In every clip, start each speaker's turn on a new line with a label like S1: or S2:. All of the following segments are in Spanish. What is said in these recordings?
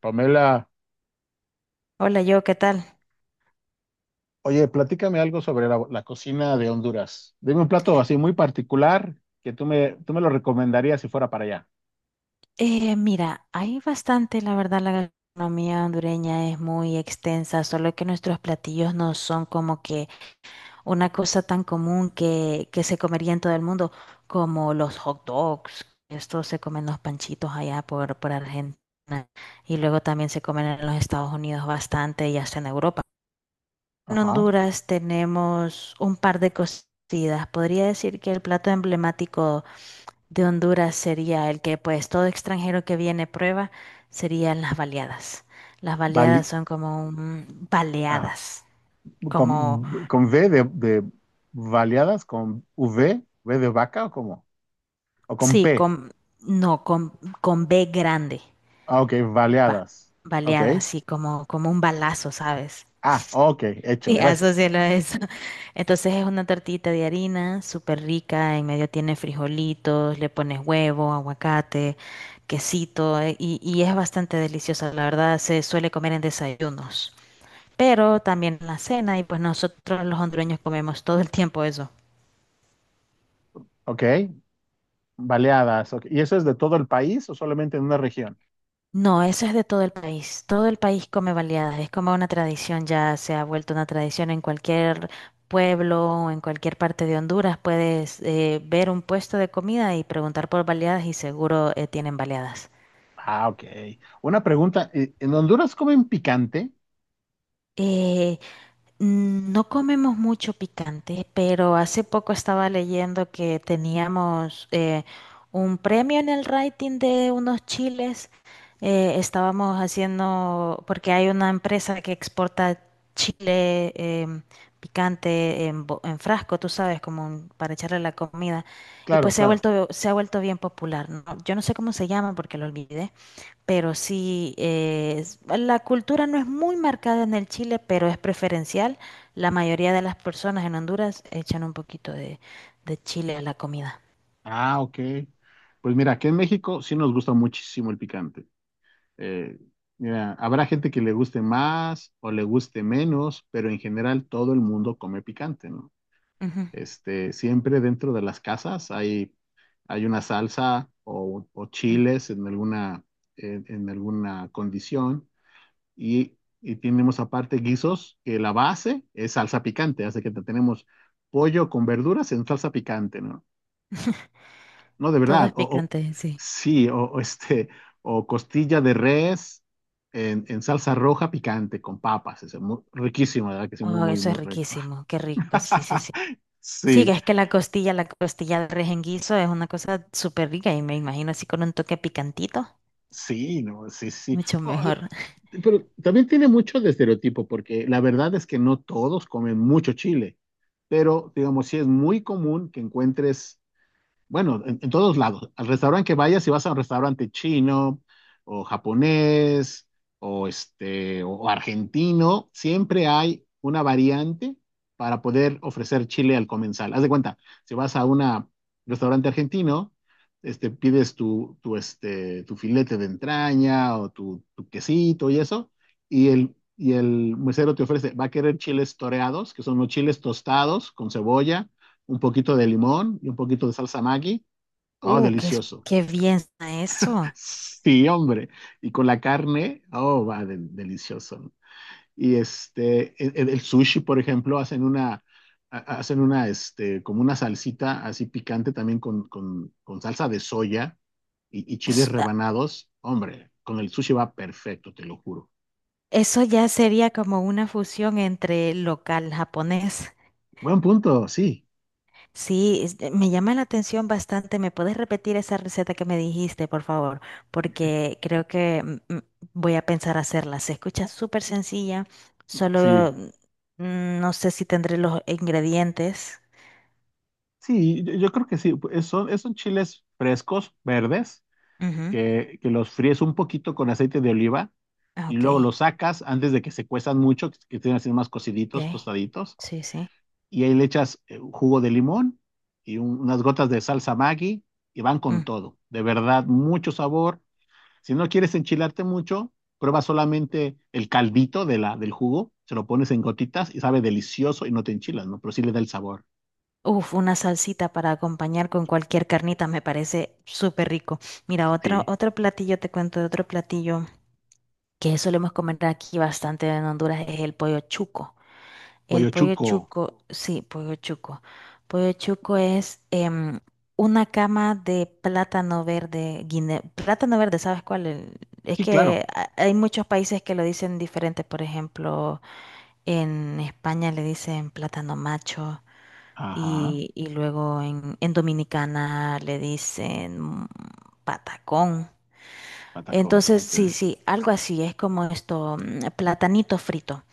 S1: Pamela,
S2: Hola, yo, ¿qué tal?
S1: oye, platícame algo sobre la cocina de Honduras. Dime un plato así muy particular que tú me lo recomendarías si fuera para allá.
S2: Mira, hay bastante, la verdad, la gastronomía hondureña es muy extensa, solo que nuestros platillos no son como que una cosa tan común que se comería en todo el mundo, como los hot dogs. Esto se comen los panchitos allá por Argentina y luego también se comen en los Estados Unidos bastante y hasta en Europa. En
S1: Ajá.
S2: Honduras tenemos un par de cocidas. Podría decir que el plato emblemático de Honduras sería el que pues todo extranjero que viene prueba serían las baleadas. Las
S1: Bali,
S2: baleadas son como un,
S1: ajá.
S2: baleadas, como
S1: Con V de baleadas, con V, V de vaca o ¿cómo? O con
S2: sí,
S1: P.
S2: con no con con B grande,
S1: Ah, ok,
S2: ba-
S1: baleadas. Ok.
S2: baleadas, sí, como como un balazo, ¿sabes?
S1: Ah, ok, hecho,
S2: Sí,
S1: gracias.
S2: asócialo a eso. Entonces es una tortita de harina súper rica, en medio tiene frijolitos, le pones huevo, aguacate, quesito, y es bastante deliciosa, la verdad, se suele comer en desayunos, pero también la cena, y pues nosotros los hondureños comemos todo el tiempo eso.
S1: Ok, baleadas. Ok. ¿Y eso es de todo el país o solamente en una región?
S2: No, eso es de todo el país. Todo el país come baleadas. Es como una tradición, ya se ha vuelto una tradición en cualquier pueblo o en cualquier parte de Honduras. Puedes ver un puesto de comida y preguntar por baleadas y seguro tienen baleadas.
S1: Ah, ok. Una pregunta, ¿en Honduras comen picante?
S2: Eh, Mm, no comemos mucho picante, pero hace poco estaba leyendo que teníamos un premio en el rating de unos chiles. Estábamos haciendo, porque hay una empresa que exporta chile em, picante en, en frasco, tú sabes, como para echarle a la comida. Y
S1: Claro,
S2: pues
S1: claro.
S2: se ha vuelto bien popular, ¿no? Yo no sé cómo se llama porque lo olvidé, pero sí, la cultura no es muy marcada en el Chile, pero es preferencial. La mayoría de las personas en Honduras echan un poquito de chile a la comida.
S1: Ah, ok. Pues mira, aquí en México sí nos gusta muchísimo el picante. Eh, mira, habrá gente que le guste más o le guste menos, pero en general todo el mundo come picante, ¿no?
S2: Ujú,
S1: Este, siempre dentro de las casas hay una salsa o
S2: ujú.
S1: chiles en alguna, en alguna condición y tenemos aparte guisos que la base es salsa picante, así que tenemos pollo con verduras en salsa picante, ¿no? No, de
S2: Todo
S1: verdad.
S2: es picante, sí.
S1: Sí, o este, o costilla de res en salsa roja picante con papas. Es muy, riquísimo, de verdad que sí, muy,
S2: Oh,
S1: muy,
S2: eso es
S1: muy rico.
S2: riquísimo, qué rico, sí, sí, sí. Sí,
S1: Sí,
S2: es que la costilla de res en guiso es una cosa súper rica y me imagino así con un toque picantito,
S1: sí, no, sí, sí.
S2: mucho mejor.
S1: Pero también tiene mucho de estereotipo, porque la verdad es que no todos comen mucho chile, pero digamos, sí es muy común que encuentres. Bueno, en todos lados. Al restaurante que vayas, si vas a un restaurante chino o japonés o este o argentino, siempre hay una variante para poder ofrecer chile al comensal. Haz de cuenta, si vas a un restaurante argentino, este, pides este, tu filete de entraña o tu quesito y eso, y el mesero te ofrece, va a querer chiles toreados, que son los chiles tostados con cebolla un poquito de limón y un poquito de salsa Maggi. Oh,
S2: Uh, qué,
S1: delicioso.
S2: qué bien suena eso.
S1: Sí, hombre. Y con la carne, oh, va, delicioso. Y este, el sushi, por ejemplo, hacen una, hacen una, este, como una salsita así picante también con, con salsa de soya y chiles rebanados. Hombre, con el sushi va perfecto, te lo juro.
S2: Eso ya sería como una fusión entre local japonés.
S1: Buen punto, sí.
S2: Sí, me llama la atención bastante. ¿Me puedes repetir esa receta que me dijiste, por favor? Porque creo que voy a pensar hacerla. Se escucha súper sencilla, solo
S1: Sí,
S2: no sé si tendré los ingredientes.
S1: sí, yo creo que sí. Pues, son chiles frescos, verdes
S2: Ujú.
S1: que los fríes un poquito con aceite de oliva
S2: Ah,
S1: y luego
S2: ok,
S1: los sacas antes de que se cuezan mucho, que estén así más cociditos,
S2: ok.
S1: tostaditos,
S2: Sí, sí.
S1: y ahí le echas jugo de limón y unas gotas de salsa Maggi y van con
S2: Mm.
S1: todo. De verdad, mucho sabor. Si no quieres enchilarte mucho, prueba solamente el caldito de del jugo, se lo pones en gotitas y sabe delicioso y no te enchilas, ¿no? Pero sí le da el sabor.
S2: Uf, una salsita para acompañar con cualquier carnita me parece súper rico. Mira, otro,
S1: Sí.
S2: otro platillo, te cuento de otro platillo que solemos comer aquí bastante en Honduras: es el pollo chuco. El
S1: Pollo
S2: pollo
S1: chuco.
S2: chuco, sí, pollo chuco. Pollo chuco es una cama de plátano verde, plátano verde, ¿sabes cuál? Es
S1: Sí, claro.
S2: que hay muchos países que lo dicen diferente. Por ejemplo, en España le dicen plátano macho
S1: Ajá.
S2: y luego en Dominicana le dicen patacón.
S1: Patacón.
S2: Entonces,
S1: Ok.
S2: sí, sí, algo así, es como esto, platanito frito.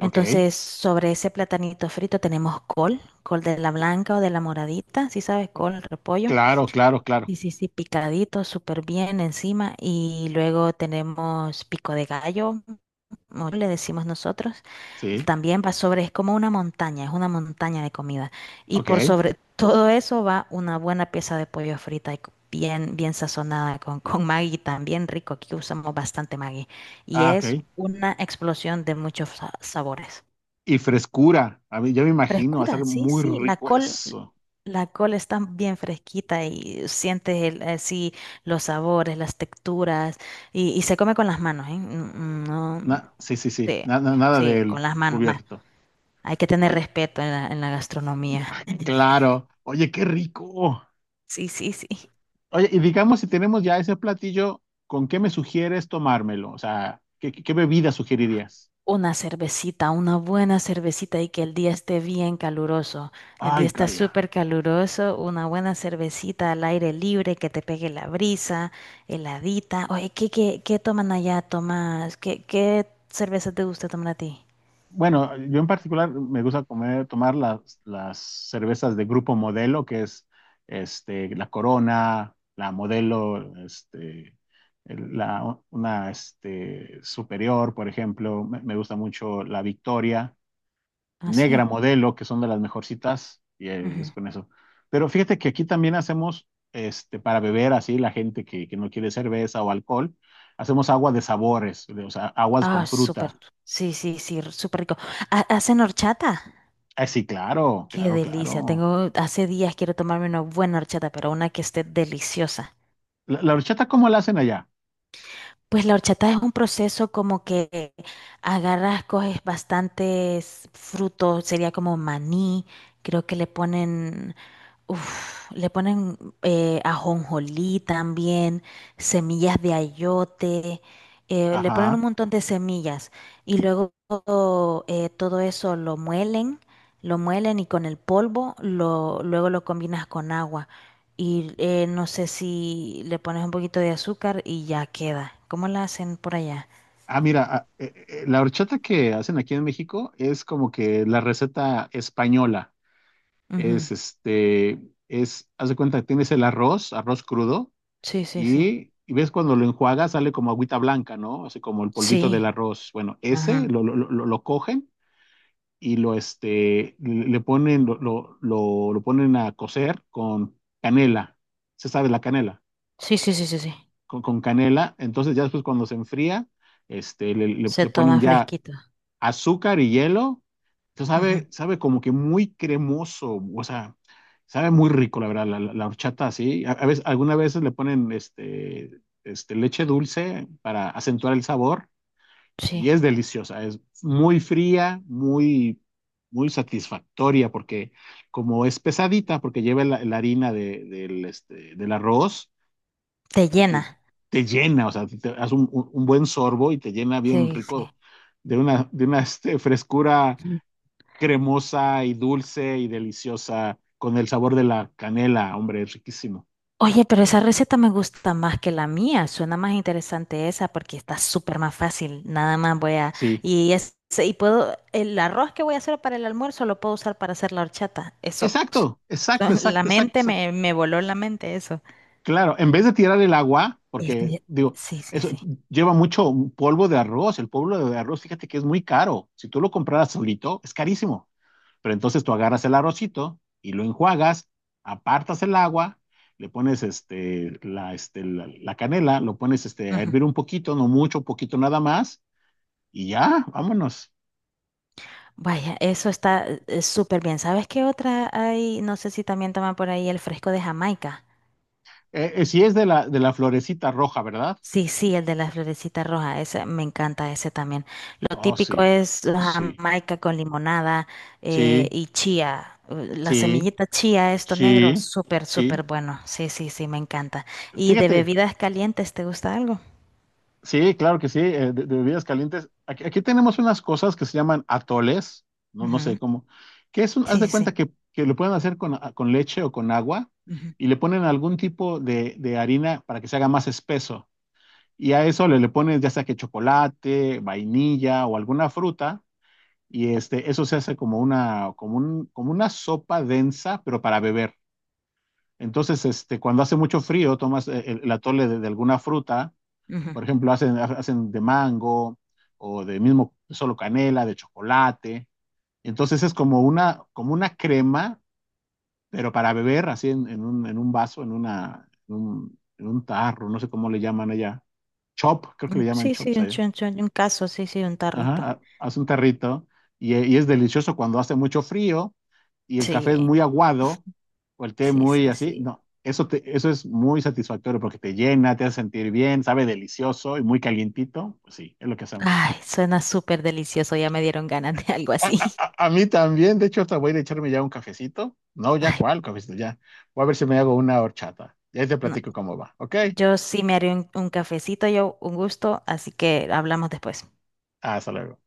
S1: Ok.
S2: sobre ese platanito frito tenemos col, col de la blanca o de la moradita, si sabes, col, repollo.
S1: Claro, claro, claro.
S2: Sí, sí, sí, picadito, súper bien encima. Y luego tenemos pico de gallo, como le decimos nosotros,
S1: Sí.
S2: también va sobre, es como una montaña, es una montaña de comida. Y
S1: Ok.
S2: por sobre todo eso va una buena pieza de pollo frita y bien, bien sazonada con Maggi, también rico. Aquí usamos bastante Maggi. Y
S1: Ah, ok.
S2: es una explosión de muchos sabores.
S1: Y frescura. A mí, yo me imagino, va a ser
S2: Frescura, sí,
S1: muy
S2: sí.
S1: rico eso.
S2: La col está bien fresquita y sientes el, así los sabores, las texturas. Y se come con las manos, ¿eh? No,
S1: Sí, sí, sí.
S2: sí,
S1: Nada
S2: sí, con
S1: del
S2: las manos.
S1: cubierto.
S2: Hay que tener
S1: Oye,
S2: respeto en la gastronomía.
S1: claro. Oye, qué rico.
S2: Sí, sí, sí.
S1: Oye, y digamos, si tenemos ya ese platillo, ¿con qué me sugieres tomármelo? O sea, ¿qué, qué bebida sugerirías?
S2: Una cervecita, una buena cervecita y que el día esté bien caluroso. El día
S1: Ay,
S2: está
S1: calla.
S2: súper caluroso, una buena cervecita al aire libre, que te pegue la brisa, heladita. Oye, ¿qué, qué, qué toman allá, Tomás? ¿Qué, qué cerveza te gusta tomar a ti?
S1: Bueno, yo en particular me gusta comer, tomar las cervezas de grupo Modelo, que es este, la Corona, la Modelo, este, una este, Superior, por ejemplo. Me gusta mucho la Victoria,
S2: Ah,
S1: Negra
S2: sí.
S1: Modelo, que son de las mejorcitas, y
S2: Ujú.
S1: es con eso. Pero fíjate que aquí también hacemos este, para beber así la gente que no quiere cerveza o alcohol, hacemos agua de sabores, de o sea, aguas con
S2: Ah, súper.
S1: fruta.
S2: Sí, sí, sí, súper rico. ¿Ha- ¿Hacen horchata?
S1: Ah, sí, claro,
S2: Qué
S1: claro,
S2: delicia.
S1: claro.
S2: Tengo, hace días quiero tomarme una buena horchata, pero una que esté deliciosa.
S1: La horchata, ¿cómo la hacen allá?
S2: Pues la horchata es un proceso como que agarras, coges bastantes frutos, sería como maní, creo que le ponen, uf, le ponen ajonjolí también, semillas de ayote, le ponen un
S1: Ajá.
S2: montón de semillas, y luego todo eso lo muelen, lo muelen, y con el polvo lo, luego lo combinas con agua y no sé si le pones un poquito de azúcar y ya queda. ¿Cómo la hacen por allá?
S1: Ah, mira, ah, la horchata que hacen aquí en México es como que la receta española.
S2: Ujú.
S1: Es este, es, haz de cuenta, tienes el arroz, arroz crudo,
S2: Sí, sí, sí.
S1: y ves cuando lo enjuagas sale como agüita blanca, ¿no? Así como el polvito del
S2: Sí.
S1: arroz. Bueno, ese
S2: Ajá.
S1: lo cogen y lo, este, le le ponen, lo ponen a cocer con canela. ¿Se sabe la canela?
S2: Sí, sí, sí, sí, sí.
S1: Con canela. Entonces ya después cuando se enfría, este,
S2: Se
S1: le ponen
S2: toma
S1: ya
S2: fresquito.
S1: azúcar y hielo. Entonces
S2: Ujú.
S1: sabe, sabe como que muy cremoso, o sea, sabe muy rico, la verdad, la horchata así. A veces, algunas veces le ponen este, este, leche dulce para acentuar el sabor
S2: Sí.
S1: y es deliciosa, es muy fría, muy, muy satisfactoria porque como es pesadita, porque lleva la harina del, este, del arroz
S2: Te
S1: te,
S2: llena.
S1: te- llena, o sea, te das un, un buen sorbo y te llena bien
S2: Sí, sí.
S1: rico de una este, frescura
S2: Mm.
S1: cremosa y dulce y deliciosa con el sabor de la canela, hombre, es riquísimo.
S2: Oye, pero esa receta me gusta más que la mía. Suena más interesante esa porque está súper más fácil. Nada más voy a...
S1: Sí,
S2: Y, es, y puedo... El arroz que voy a hacer para el almuerzo lo puedo usar para hacer la horchata. Eso... pf,
S1: exacto, exacto,
S2: eso- la
S1: exacto, exacto,
S2: mente
S1: exacto.
S2: me, me voló la mente eso.
S1: Claro, en vez de tirar el agua,
S2: Eh,
S1: porque
S2: eh,
S1: digo,
S2: Sí, sí,
S1: eso
S2: sí.
S1: lleva mucho polvo de arroz, el polvo de arroz, fíjate que es muy caro. Si tú lo compraras solito, es carísimo. Pero entonces tú agarras el arrocito y lo enjuagas, apartas el agua, le pones este, la canela, lo pones este, a
S2: Ujú.
S1: hervir un poquito, no mucho, un poquito nada más, y ya, vámonos.
S2: Vaya, eso está súper bien. ¿Sabes qué otra hay? No sé si también toman por ahí el fresco de Jamaica.
S1: Si es de de la florecita roja, ¿verdad?
S2: Sí, sí, el de las florecitas rojas, ese me encanta ese también. Lo
S1: Oh,
S2: típico
S1: sí,
S2: es la
S1: sí,
S2: jamaica con limonada
S1: sí,
S2: y chía. La
S1: sí,
S2: semillita chía, esto negro,
S1: sí,
S2: súper,
S1: sí.
S2: súper bueno. Sí, sí, sí, me encanta. ¿Y de
S1: Fíjate,
S2: bebidas calientes, te gusta algo?
S1: sí, claro que sí, de bebidas calientes. Aquí, aquí tenemos unas cosas que se llaman atoles, no, no
S2: Ujú,
S1: sé cómo, que es un, haz
S2: sí,
S1: de
S2: sí,
S1: cuenta
S2: sí.
S1: que lo pueden hacer con, ah, con leche o con agua
S2: Ujú,
S1: y le ponen algún tipo de harina para que se haga más espeso. Y a eso le pones ya sea que chocolate, vainilla o alguna fruta y este, eso se hace como una, como una sopa densa, pero para beber. Entonces, este, cuando hace mucho frío, tomas el atole de alguna fruta
S2: ujú.
S1: por ejemplo, hacen, hacen de mango o de mismo solo canela, de chocolate. Entonces es como una crema, pero para beber así en un vaso, en, una, en un tarro, no sé cómo le llaman allá. Chop, creo que le llaman
S2: Sí, sí,
S1: chops
S2: un
S1: allá.
S2: chun chun, un caso, sí, sí, un
S1: Ajá,
S2: tarrito.
S1: haz un tarrito y, y es delicioso cuando hace mucho frío y el café es
S2: Sí,
S1: muy aguado o el té
S2: sí,
S1: muy
S2: sí,
S1: así.
S2: sí.
S1: No, eso, eso es muy satisfactorio porque te llena, te hace sentir bien, sabe delicioso y muy calientito. Pues sí, es lo que hacemos.
S2: Ay, suena súper delicioso, ya me dieron ganas de algo
S1: A,
S2: así.
S1: a mí también, de hecho, hasta voy a ir a echarme ya un cafecito. No, ya
S2: Ay,
S1: cuál cafecito, ya. Voy a ver si me hago una horchata. Ya te
S2: no.
S1: platico cómo va, ¿ok?
S2: Yo sí me haré un cafecito, yo un gusto, así que hablamos después.
S1: Hasta luego.